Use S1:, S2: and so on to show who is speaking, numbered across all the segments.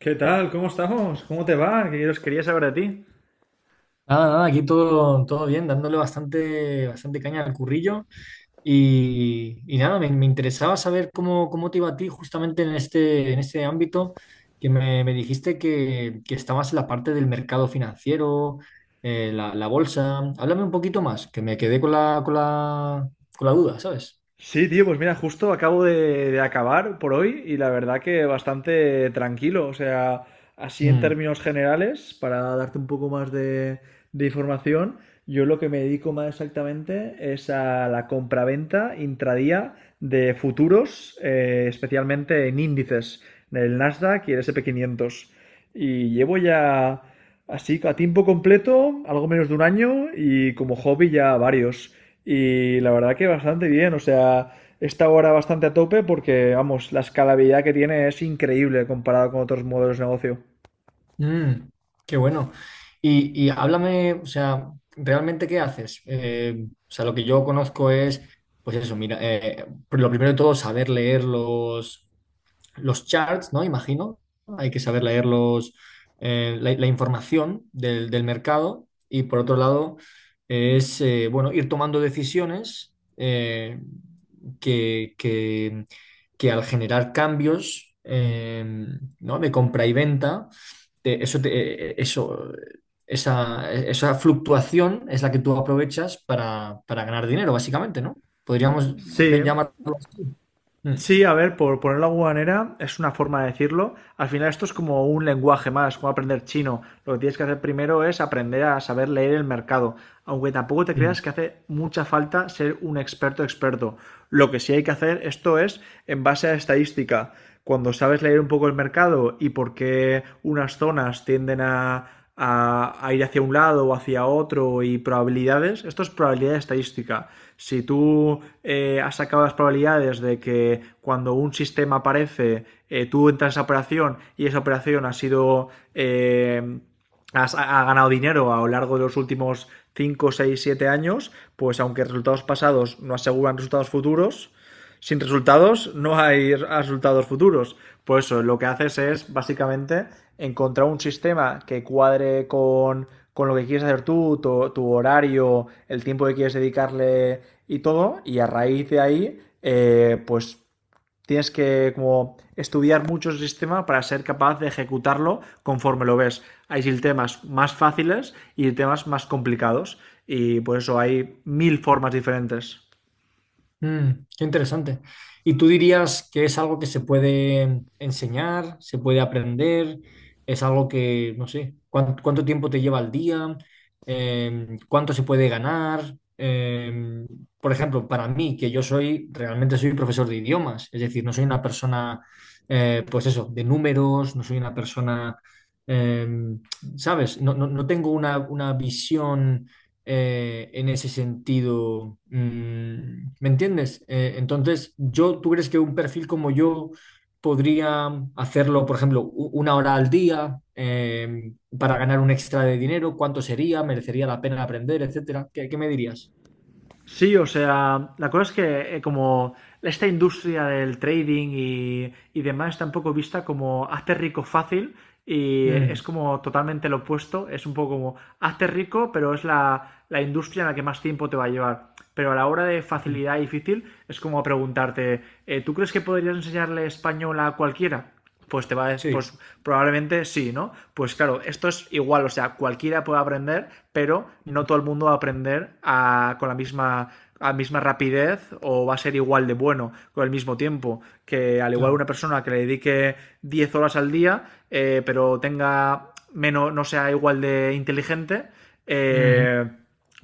S1: ¿Qué tal? ¿Cómo estamos? ¿Cómo te va? Que yo os quería saber de ti.
S2: Nada, nada, aquí todo, todo bien, dándole bastante, bastante caña al currillo. Y nada, me interesaba saber cómo te iba a ti justamente en este ámbito, que me dijiste que estabas en la parte del mercado financiero, la bolsa. Háblame un poquito más, que me quedé con la duda, ¿sabes?
S1: Sí, tío, pues mira, justo acabo de acabar por hoy y la verdad que bastante tranquilo. O sea, así en
S2: Mm.
S1: términos generales, para darte un poco más de información, yo lo que me dedico más exactamente es a la compraventa intradía de futuros, especialmente en índices, en el Nasdaq y el S&P 500. Y llevo ya así a tiempo completo, algo menos de un año y como hobby ya varios. Y la verdad que bastante bien, o sea, está ahora bastante a tope porque, vamos, la escalabilidad que tiene es increíble comparado con otros modelos de negocio.
S2: Mm, Qué bueno. Y háblame, o sea, ¿realmente qué haces? O sea, lo que yo conozco es, pues eso, mira, lo primero de todo, saber leer los charts, ¿no? Imagino. Hay que saber leer la información del mercado, y por otro lado es, bueno, ir tomando decisiones, que, que- que al generar cambios, ¿no?, de compra y venta, eso, eso, esa fluctuación es la que tú aprovechas para ganar dinero, básicamente, ¿no? Podríamos
S1: Sí,
S2: llamarlo así. Mm,
S1: Sí, a ver, por ponerlo de alguna manera, es una forma de decirlo. Al final esto es como un lenguaje más, como aprender chino. Lo que tienes que hacer primero es aprender a saber leer el mercado, aunque tampoco te
S2: mm.
S1: creas que hace mucha falta ser un experto experto. Lo que sí hay que hacer esto es en base a estadística. Cuando sabes leer un poco el mercado y por qué unas zonas tienden a ir hacia un lado o hacia otro y probabilidades. Esto es probabilidad estadística. Si tú has sacado las probabilidades de que cuando un sistema aparece, tú entras a esa operación y esa operación ha sido... Ha ganado dinero a lo largo de los últimos 5 6 7 años, pues aunque resultados pasados no aseguran resultados futuros, sin resultados no hay resultados futuros. Por eso lo que haces es básicamente encontrar un sistema que cuadre con lo que quieres hacer tú, tu horario, el tiempo que quieres dedicarle y todo, y a raíz de ahí, pues tienes que como estudiar mucho el sistema para ser capaz de ejecutarlo conforme lo ves. Hay sistemas más fáciles y temas más complicados. Y por eso hay mil formas diferentes.
S2: Qué interesante. ¿Y tú dirías que es algo que se puede enseñar, se puede aprender? ¿Es algo que, no sé, cuánto tiempo te lleva al día? ¿Cuánto se puede ganar? Por ejemplo, para mí, que yo soy, realmente soy profesor de idiomas, es decir, no soy una persona, pues eso, de números, no soy una persona, eh, ¿sabes? No tengo una visión en ese sentido. ¿Me entiendes? Entonces, yo, ¿tú crees que un perfil como yo podría hacerlo, por ejemplo, una hora al día, para ganar un extra de dinero? ¿Cuánto sería? ¿Merecería la pena aprender, etcétera? ¿Qué me dirías?
S1: Sí, o sea, la cosa es que como esta industria del trading y demás está un poco vista como hazte rico fácil y
S2: Mm,
S1: es como totalmente lo opuesto, es un poco como hazte rico, pero es la industria en la que más tiempo te va a llevar. Pero a la hora de
S2: mm,
S1: facilidad y difícil es como preguntarte, ¿tú crees que podrías enseñarle español a cualquiera? Pues te va a decir,
S2: sí,
S1: pues probablemente sí, ¿no? Pues claro, esto es igual, o sea, cualquiera puede aprender, pero no
S2: mm,
S1: todo el mundo va a aprender a, con la misma, a misma rapidez o va a ser igual de bueno con el mismo tiempo. Que al igual
S2: claro.
S1: una persona que le dedique 10 horas al día, pero tenga menos, no sea igual de inteligente,
S2: Ujú,
S1: eh,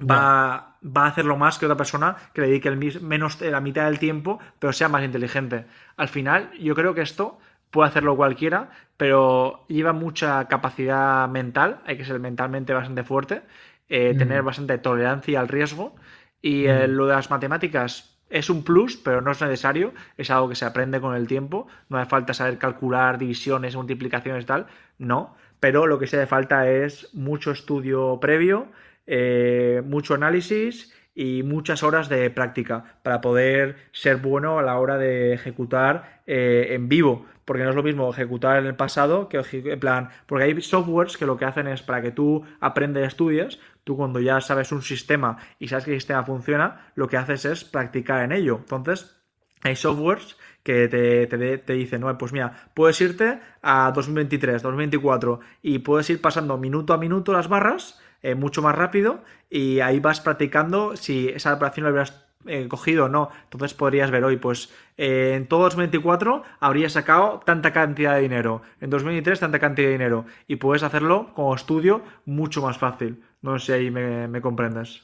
S2: ya.
S1: va a hacerlo más que otra persona que le dedique el menos la mitad del tiempo, pero sea más inteligente. Al final, yo creo que esto puede hacerlo cualquiera, pero lleva mucha capacidad mental, hay que ser mentalmente bastante fuerte, tener
S2: Mm,
S1: bastante tolerancia al riesgo y
S2: mm.
S1: lo de las matemáticas es un plus, pero no es necesario, es algo que se aprende con el tiempo, no hace falta saber calcular divisiones, multiplicaciones y tal, no, pero lo que sí hace falta es mucho estudio previo mucho análisis y muchas horas de práctica para poder ser bueno a la hora de ejecutar en vivo. Porque no es lo mismo ejecutar en el pasado que en plan. Porque hay softwares que lo que hacen es para que tú aprendes, estudias tú, cuando ya sabes un sistema y sabes que el sistema funciona, lo que haces es practicar en ello. Entonces, hay softwares que te dicen, no, pues mira, puedes irte a 2023, 2024 y puedes ir pasando minuto a minuto las barras mucho más rápido y ahí vas practicando si esa operación la hubieras cogido o no. Entonces podrías ver hoy, pues en todo 2024 habría sacado tanta cantidad de dinero, en 2023 tanta cantidad de dinero y puedes hacerlo como estudio mucho más fácil. No sé si ahí me comprendes.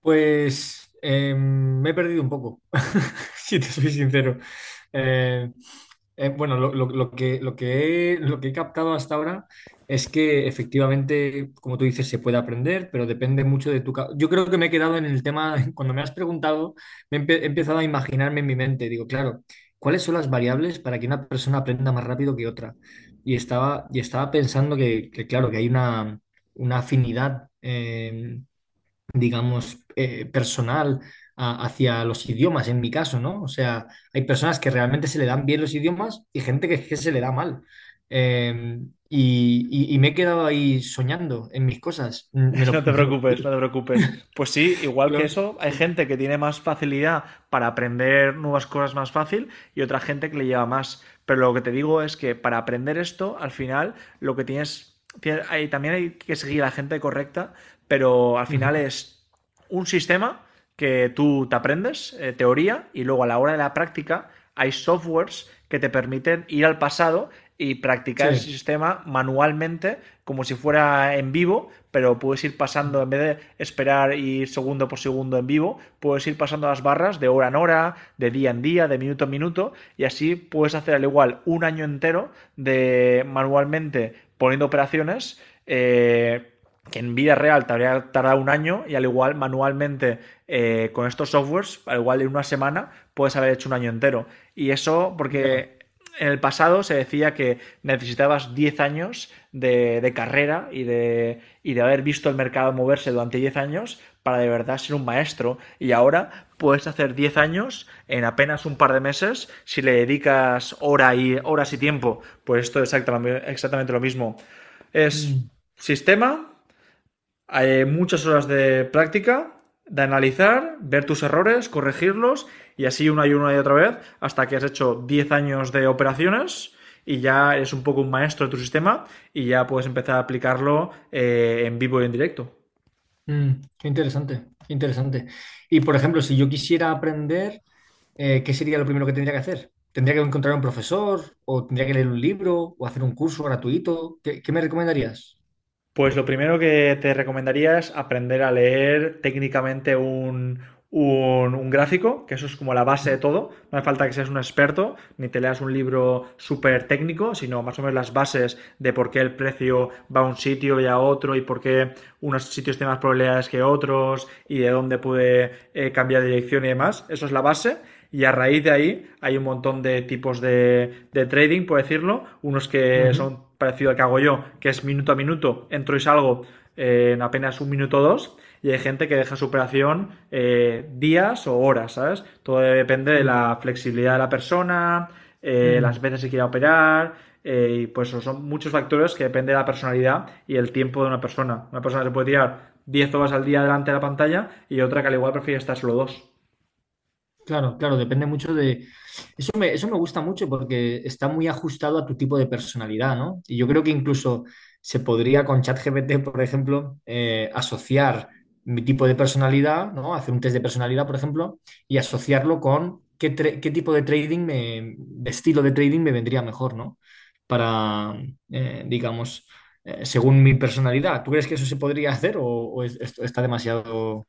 S2: Pues me he perdido un poco, si te soy sincero. Eh, bueno, lo que he captado hasta ahora es que, efectivamente, como tú dices, se puede aprender, pero depende mucho de tu... Yo creo que me he quedado en el tema, cuando me has preguntado, he empezado a imaginarme en mi mente. Digo, claro, ¿cuáles son las variables para que una persona aprenda más rápido que otra? Y estaba pensando que, claro, que hay una afinidad, digamos, personal, hacia los idiomas, en mi caso, ¿no? O sea, hay personas que realmente se le dan bien los idiomas y gente que se le da mal. Eh, y me he quedado ahí soñando en mis cosas.
S1: No te
S2: Me lo-
S1: preocupes, no te preocupes. Pues sí, igual que eso, hay
S2: sí.
S1: gente que tiene más facilidad para aprender nuevas cosas más fácil y otra gente que le lleva más. Pero lo que te digo es que para aprender esto, al final, lo que también hay que seguir a la gente correcta, pero al final
S2: Ujú.
S1: es un sistema que tú te aprendes, teoría, y luego a la hora de la práctica hay softwares que te permiten ir al pasado y practicar ese
S2: Sí.
S1: sistema manualmente como si fuera en vivo, pero puedes ir pasando, en vez de esperar y ir segundo por segundo en vivo, puedes ir pasando las barras de hora en hora, de día en día, de minuto en minuto, y así puedes hacer al igual un año entero de manualmente poniendo operaciones. Eh, que en vida real te habría tardado un año y al igual manualmente con estos softwares, al igual en una semana puedes haber hecho un año entero. Y eso
S2: Ya.
S1: porque en el pasado se decía que necesitabas 10 años de carrera y de haber visto el mercado moverse durante 10 años para de verdad ser un maestro. Y ahora puedes hacer 10 años en apenas un par de meses si le dedicas horas y tiempo. Pues esto es exactamente, exactamente lo mismo. Es
S2: Mm,
S1: sistema, muchas horas de práctica, de analizar, ver tus errores, corregirlos y así una y otra vez hasta que has hecho 10 años de operaciones y ya eres un poco un maestro de tu sistema y ya puedes empezar a aplicarlo en vivo y en directo.
S2: mm. Qué interesante, qué interesante. Y, por ejemplo, si yo quisiera aprender, ¿qué sería lo primero que tendría que hacer? ¿Tendría que encontrar un profesor o tendría que leer un libro o hacer un curso gratuito? ¿Qué me recomendarías?
S1: Pues lo primero que te recomendaría es aprender a leer técnicamente un gráfico, que eso es como la base de
S2: ¿No?
S1: todo. No hace falta que seas un experto ni te leas un libro súper técnico, sino más o menos las bases de por qué el precio va a un sitio y a otro y por qué unos sitios tienen más probabilidades que otros y de dónde puede cambiar de dirección y demás. Eso es la base. Y a raíz de ahí hay un montón de tipos de trading, por decirlo. Unos que
S2: Ujú,
S1: son parecido al que hago yo, que es minuto a minuto, entro y salgo en apenas un minuto o dos, y hay gente que deja su operación días o horas, ¿sabes? Todo depende de
S2: sí. ¿No?
S1: la flexibilidad de la persona,
S2: Mm,
S1: las veces que quiera operar, y pues son muchos factores que depende de la personalidad y el tiempo de una persona. Una persona se puede tirar 10 horas al día delante de la pantalla y otra que al igual prefiere estar solo dos.
S2: Claro, claro, depende mucho de... Eso me gusta mucho porque está muy ajustado a tu tipo de personalidad, ¿no? Y yo creo que incluso se podría con ChatGPT, por ejemplo, asociar mi tipo de personalidad, ¿no? Hacer un test de personalidad, por ejemplo, y asociarlo con qué tipo de trading de estilo de trading me vendría mejor, ¿no? Para, digamos, según mi personalidad. ¿Tú crees que eso se podría hacer o esto está demasiado...?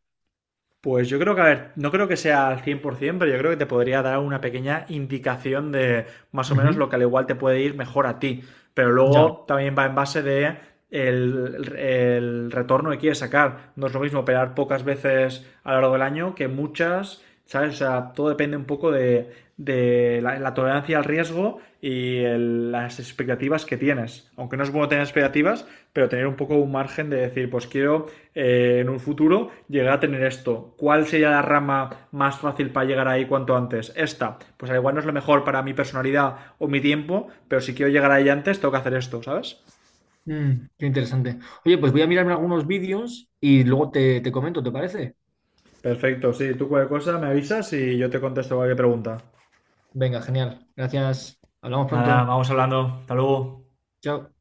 S1: Pues yo creo que, a ver, no creo que sea al 100%, pero yo creo que te podría dar una pequeña indicación de más o menos lo
S2: Ujú.
S1: que al igual te puede ir mejor a ti. Pero
S2: Ya.
S1: luego también va en base de el retorno que quieres sacar. No es lo mismo operar pocas veces a lo largo del año que muchas. ¿Sabes? O sea, todo depende un poco de la tolerancia al riesgo y las expectativas que tienes. Aunque no es bueno tener expectativas, pero tener un poco un margen de decir, pues quiero en un futuro llegar a tener esto. ¿Cuál sería la rama más fácil para llegar ahí cuanto antes? Esta. Pues al igual no es lo mejor para mi personalidad o mi tiempo, pero si quiero llegar ahí antes, tengo que hacer esto, ¿sabes?
S2: Qué interesante. Oye, pues voy a mirarme algunos vídeos y luego te comento, ¿te parece?
S1: Perfecto, sí, tú cualquier cosa me avisas y yo te contesto cualquier pregunta.
S2: Venga, genial. Gracias. Hablamos
S1: Nada,
S2: pronto.
S1: vamos hablando. Hasta luego.
S2: Chao.